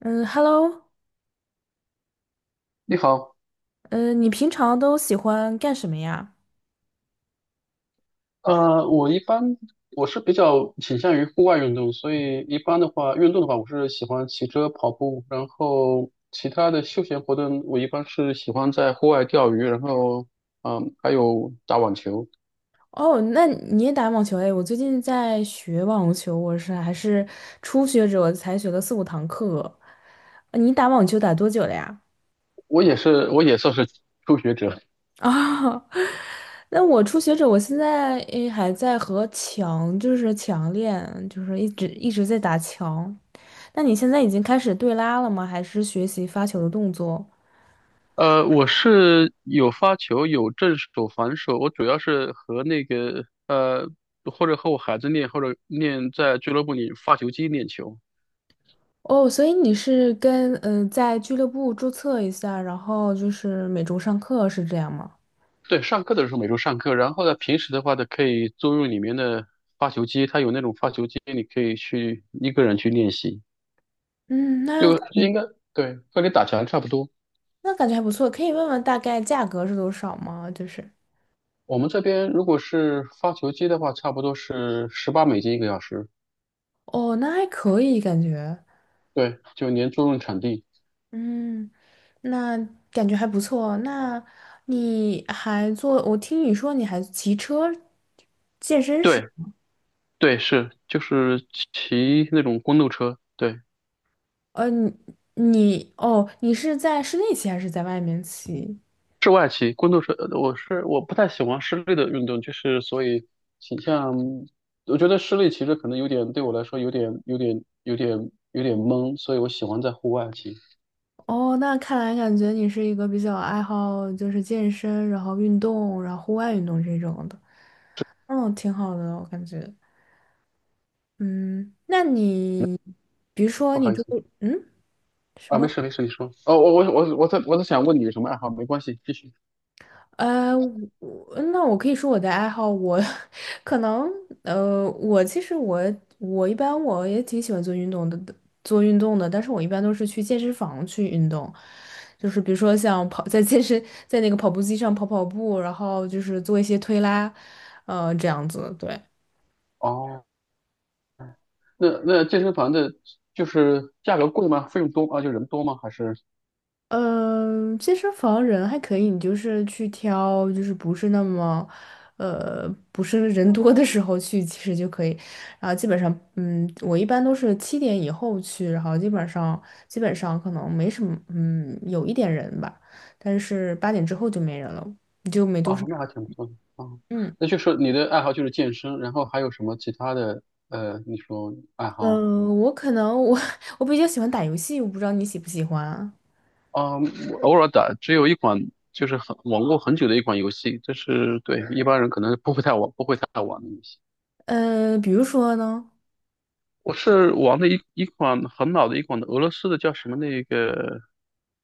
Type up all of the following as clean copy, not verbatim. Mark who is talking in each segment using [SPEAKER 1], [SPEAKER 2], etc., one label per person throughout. [SPEAKER 1] 嗯，Hello，
[SPEAKER 2] 你好，
[SPEAKER 1] 嗯，你平常都喜欢干什么呀？
[SPEAKER 2] 呃，我一般我是比较倾向于户外运动，所以一般的话，运动的话，我是喜欢骑车、跑步，然后其他的休闲活动，我一般是喜欢在户外钓鱼，然后还有打网球。
[SPEAKER 1] 哦，那你也打网球哎？我最近在学网球，还是初学者，我才学了四五堂课。你打网球打多久了呀？
[SPEAKER 2] 我也算是 初学者。
[SPEAKER 1] 啊，那我初学者，我现在还在和强，就是强练，就是一直在打强。那你现在已经开始对拉了吗？还是学习发球的动作？
[SPEAKER 2] 我是有发球，有正手、反手，我主要是和或者和我孩子练，或者练在俱乐部里发球机练球。
[SPEAKER 1] 哦，所以你是跟在俱乐部注册一下，然后就是每周上课是这样吗？
[SPEAKER 2] 对，上课的时候每周上课，然后呢，平时的话呢，可以租用里面的发球机，它有那种发球机，你可以去一个人去练习，
[SPEAKER 1] 嗯，那
[SPEAKER 2] 就
[SPEAKER 1] 感
[SPEAKER 2] 应该对，和你打拳差不多。
[SPEAKER 1] 那感觉还不错，可以问问大概价格是多少吗？就是
[SPEAKER 2] 我们这边如果是发球机的话，差不多是18美金一个小时，
[SPEAKER 1] 哦，那还可以感觉，
[SPEAKER 2] 对，就连租用场地，
[SPEAKER 1] 嗯，那感觉还不错。那你还做？我听你说你还骑车健身是
[SPEAKER 2] 对
[SPEAKER 1] 吗？
[SPEAKER 2] 对是，就是骑那种公路车，对。
[SPEAKER 1] 呃，你你是在室内骑还是在外面骑？
[SPEAKER 2] 室外骑工作是，我不太喜欢室内的运动，就是所以倾向，我觉得室内骑着可能有点对我来说有点懵，所以我喜欢在户外骑。
[SPEAKER 1] 哦，那看来感觉你是一个比较爱好就是健身，然后运动，然后户外运动这种的。嗯，挺好的，我感觉。嗯，那你，比如说
[SPEAKER 2] 不
[SPEAKER 1] 你
[SPEAKER 2] 好意
[SPEAKER 1] 这
[SPEAKER 2] 思
[SPEAKER 1] 个。
[SPEAKER 2] 啊，没事没事，你说。哦，我在想问你有什么爱好，没关系，继续。
[SPEAKER 1] 呃，我那我可以说我的爱好，我 可能我其实我一般也挺喜欢做运动的，做运动的，但是我一般都是去健身房去运动，就是比如说像跑 在健身在那个跑步机上跑跑步，然后就是做一些推拉，这样子，对。
[SPEAKER 2] 哦，那健身房的就是价格贵吗？费用多啊？就人多吗？还是
[SPEAKER 1] 嗯，健身房人还可以，你就是去挑，就是不是那么，呃，不是人多的时候去，其实就可以。然后基本上，我一般都是7点以后去，然后基本上可能没什么，有一点人吧，但是8点之后就没人了，就没多少
[SPEAKER 2] 哦，那还
[SPEAKER 1] 人。
[SPEAKER 2] 挺不错的哦。
[SPEAKER 1] 嗯
[SPEAKER 2] 那就是你的爱好就是健身，然后还有什么其他的？呃，你说爱好？
[SPEAKER 1] 我可能我比较喜欢打游戏，我不知道你喜不喜欢啊？
[SPEAKER 2] 啊，我偶尔打，只有一款就是很玩过很久的一款游戏，这是对一般人可能不会太玩，不会太玩的游戏。
[SPEAKER 1] 比如说呢？
[SPEAKER 2] 我是玩的一款很老的一款的俄罗斯的叫什么那个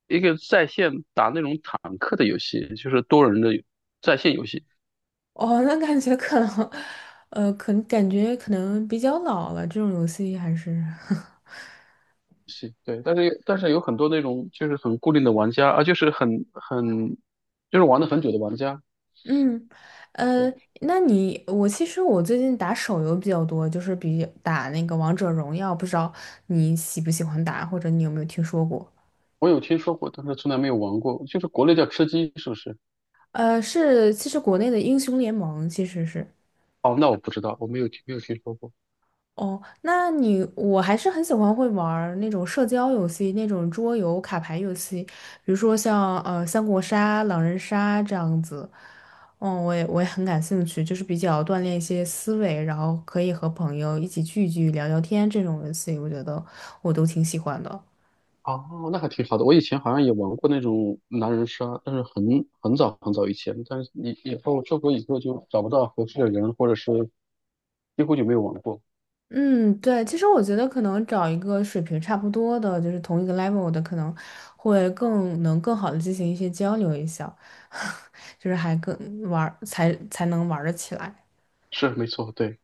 [SPEAKER 2] 一个在线打那种坦克的游戏，就是多人的在线游戏。
[SPEAKER 1] 哦，那感觉可能，可能感觉可能比较老了，这种游戏还是。
[SPEAKER 2] 是，对，但是有很多那种就是很固定的玩家啊，就是很很就是玩了很久的玩家。
[SPEAKER 1] 嗯，呃，
[SPEAKER 2] 对，
[SPEAKER 1] 那你我其实我最近打手游比较多，就是比打那个王者荣耀，不知道你喜不喜欢打，或者你有没有听说过？
[SPEAKER 2] 我有听说过，但是从来没有玩过。就是国内叫吃鸡，是不是？
[SPEAKER 1] 是，其实国内的英雄联盟其实是。
[SPEAKER 2] 哦，那我不知道，我没有听说过。
[SPEAKER 1] 哦，那你我还是很喜欢会玩儿那种社交游戏，那种桌游、卡牌游戏，比如说像三国杀、狼人杀这样子。嗯，我也很感兴趣，就是比较锻炼一些思维，然后可以和朋友一起聚一聚、聊聊天这种游戏，我觉得我都挺喜欢的。
[SPEAKER 2] 哦，那还挺好的。我以前好像也玩过那种狼人杀，但是很很早很早以前，但是以后出国以后就找不到合适的人，或者是几乎就没有玩过。
[SPEAKER 1] 嗯，对，其实我觉得可能找一个水平差不多的，就是同一个 level 的，可能会更能更好的进行一些交流一下，就是还更玩儿才能玩儿得起来。
[SPEAKER 2] 是，没错，对，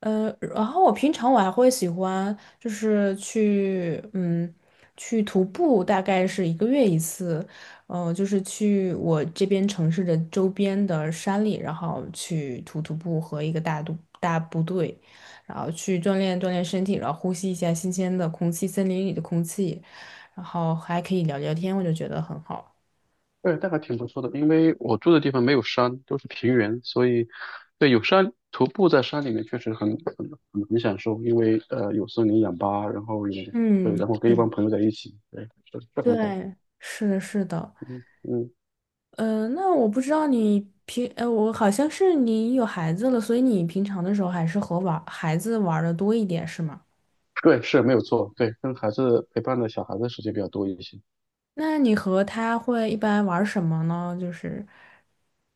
[SPEAKER 1] 然后我平常还会喜欢，就是去，去徒步，大概是一个月一次，就是去我这边城市的周边的山里，然后去徒步和一个大部队，然后去锻炼锻炼身体，然后呼吸一下新鲜的空气，森林里的空气，然后还可以聊聊天，我就觉得很好。
[SPEAKER 2] 对，那还挺不错的。因为我住的地方没有山，都是平原，所以对有山徒步在山里面确实很享受，因为呃有森林氧吧，然后也对，
[SPEAKER 1] 嗯，
[SPEAKER 2] 然后跟
[SPEAKER 1] 是
[SPEAKER 2] 一帮
[SPEAKER 1] 的，
[SPEAKER 2] 朋友在一起，对，这这很好。
[SPEAKER 1] 对，是的，是的。
[SPEAKER 2] 嗯，
[SPEAKER 1] 那我不知道你我好像是你有孩子了，所以你平常的时候还是和玩孩子玩的多一点，是吗？
[SPEAKER 2] 对，是没有错，对，跟孩子陪伴的小孩子时间比较多一些。
[SPEAKER 1] 那你和他会一般玩什么呢？就是，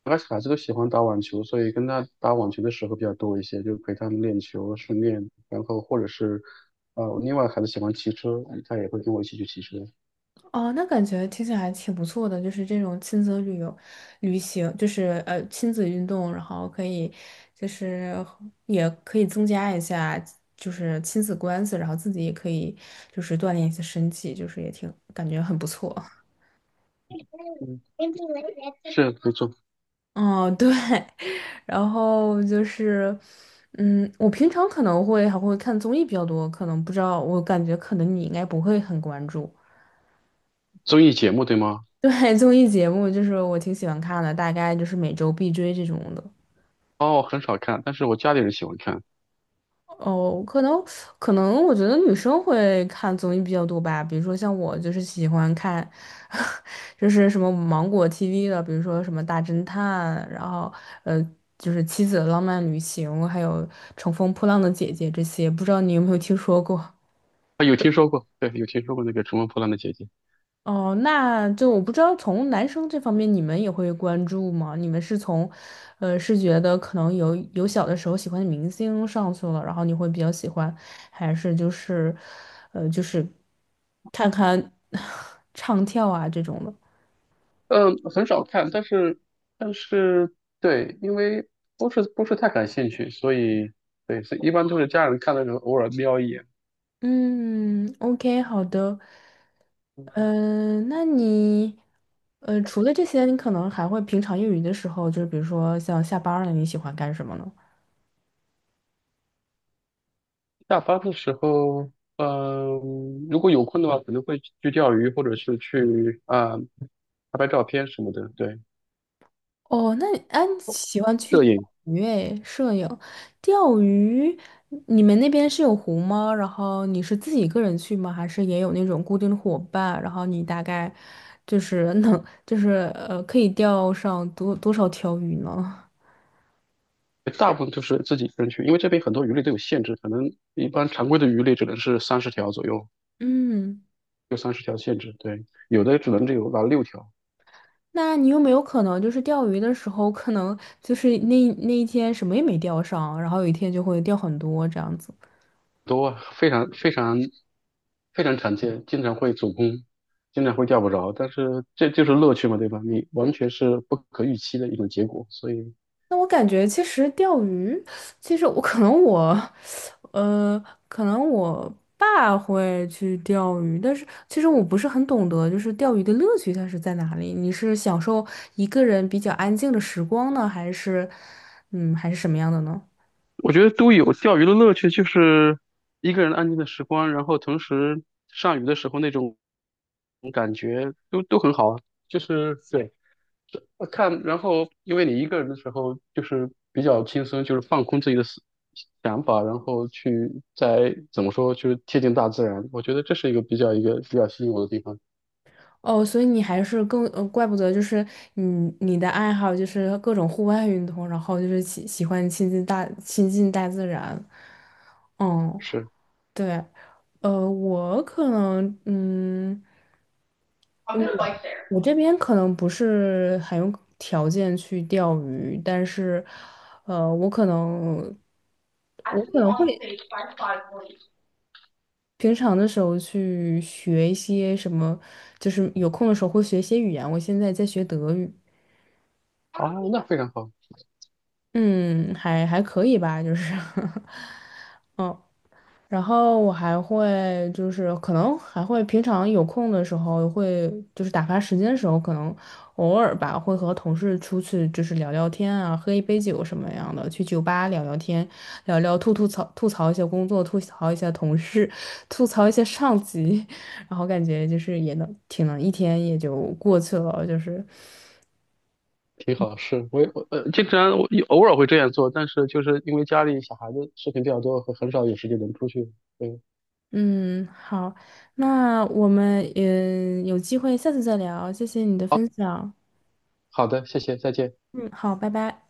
[SPEAKER 2] 而且孩子都喜欢打网球，所以跟他打网球的时候比较多一些，就陪他们练球，训练，然后或者是，呃，另外孩子喜欢骑车，他也会跟我一起去骑车。
[SPEAKER 1] 哦，那感觉听起来还挺不错的，就是这种亲子旅游、旅行，就是亲子运动，然后可以，就是也可以增加一下就是亲子关系，然后自己也可以就是锻炼一下身体，就是也挺感觉很不错。
[SPEAKER 2] 嗯，是没错，
[SPEAKER 1] 哦，对。然后就是，我平常可能会还会看综艺比较多，可能不知道，我感觉可能你应该不会很关注。
[SPEAKER 2] 综艺节目对吗？
[SPEAKER 1] 对，综艺节目就是我挺喜欢看的，大概就是每周必追这种的。
[SPEAKER 2] 哦，很少看，但是我家里人喜欢看。
[SPEAKER 1] 哦，可能我觉得女生会看综艺比较多吧，比如说像我就是喜欢看，就是什么芒果 TV 的，比如说什么大侦探，然后呃就是妻子的浪漫旅行，还有乘风破浪的姐姐这些，不知道你有没有听说过？
[SPEAKER 2] 啊，有听说过，对，有听说过那个《乘风破浪的姐姐》。
[SPEAKER 1] 哦，那就我不知道从男生这方面你们也会关注吗？你们是从，是觉得可能有小的时候喜欢的明星上去了，然后你会比较喜欢，还是就是，就是看看 唱跳啊这种的？
[SPEAKER 2] 嗯，很少看，但是,对，因为不是太感兴趣，所以对，所以一般都是家人看的时候偶尔瞄一眼。
[SPEAKER 1] 嗯，OK，好的。嗯、那你，除了这些，你可能还会平常业余的时候，就是比如说像下班儿了，你喜欢干什么呢？
[SPEAKER 2] 下班的时候，嗯、如果有空的话，可能会去钓鱼，或者是去啊、拍拍照片什么的。对，
[SPEAKER 1] 哦，那你啊，你喜欢去
[SPEAKER 2] 摄
[SPEAKER 1] 钓
[SPEAKER 2] 影
[SPEAKER 1] 鱼诶，摄影，钓鱼，你们那边是有湖吗？然后你是自己一个人去吗？还是也有那种固定的伙伴？然后你大概就是能，就是可以钓上多少条鱼呢？
[SPEAKER 2] 大部分就是自己一个人去，因为这边很多鱼类都有限制，可能一般常规的鱼类只能是三十条左右，
[SPEAKER 1] 嗯，
[SPEAKER 2] 就三十条限制。对，有的只有拿6条，
[SPEAKER 1] 那你有没有可能就是钓鱼的时候，可能就是那一天什么也没钓上，然后有一天就会钓很多这样子？
[SPEAKER 2] 多啊非常非常非常常见，经常会走空，经常会钓不着。但是这就是乐趣嘛，对吧？你完全是不可预期的一种结果，所以。
[SPEAKER 1] 那我感觉其实钓鱼，其实我 可能我，呃，可能我爸会去钓鱼，但是其实我不是很懂得，就是钓鱼的乐趣它是在哪里？你是享受一个人比较安静的时光呢，还是，还是什么样的呢？
[SPEAKER 2] 我觉得都有钓鱼的乐趣，就是一个人安静的时光，然后同时上鱼的时候那种感觉都很好啊。就是对，看，然后因为你一个人的时候就是比较轻松，就是放空自己的思想法，然后去再怎么说，就是贴近大自然。我觉得这是一个比较吸引我的地方。
[SPEAKER 1] 哦，所以你还是更，怪不得就是你你的爱好就是各种户外运动，然后就是喜欢亲近大自然，嗯。
[SPEAKER 2] 是，
[SPEAKER 1] 对，我可能，嗯。
[SPEAKER 2] 哦，
[SPEAKER 1] 我我这边可能不是很有条件去钓鱼，但是，呃，我可能，我可能会平常的时候去学一些什么，就是有空的时候会学一些语言。我现在在学德语，
[SPEAKER 2] 那非常好。
[SPEAKER 1] 嗯，还可以吧，就是，嗯。然后我还会就是可能还会平常有空的时候会就是打发时间的时候，可能偶尔吧会和同事出去就是聊聊天啊，喝一杯酒什么样的，去酒吧聊聊天，聊聊吐槽一下工作，吐槽一下同事，吐槽一下上级，然后感觉就是也能挺能一天也就过去了，就是
[SPEAKER 2] 挺好，是我也我呃，经常我偶尔会这样做，但是就是因为家里小孩子事情比较多，很少有时间能出去。嗯，
[SPEAKER 1] 嗯好，那我们有机会下次再聊，谢谢你的分享，
[SPEAKER 2] 好的，谢谢，再见。
[SPEAKER 1] 嗯好，拜拜。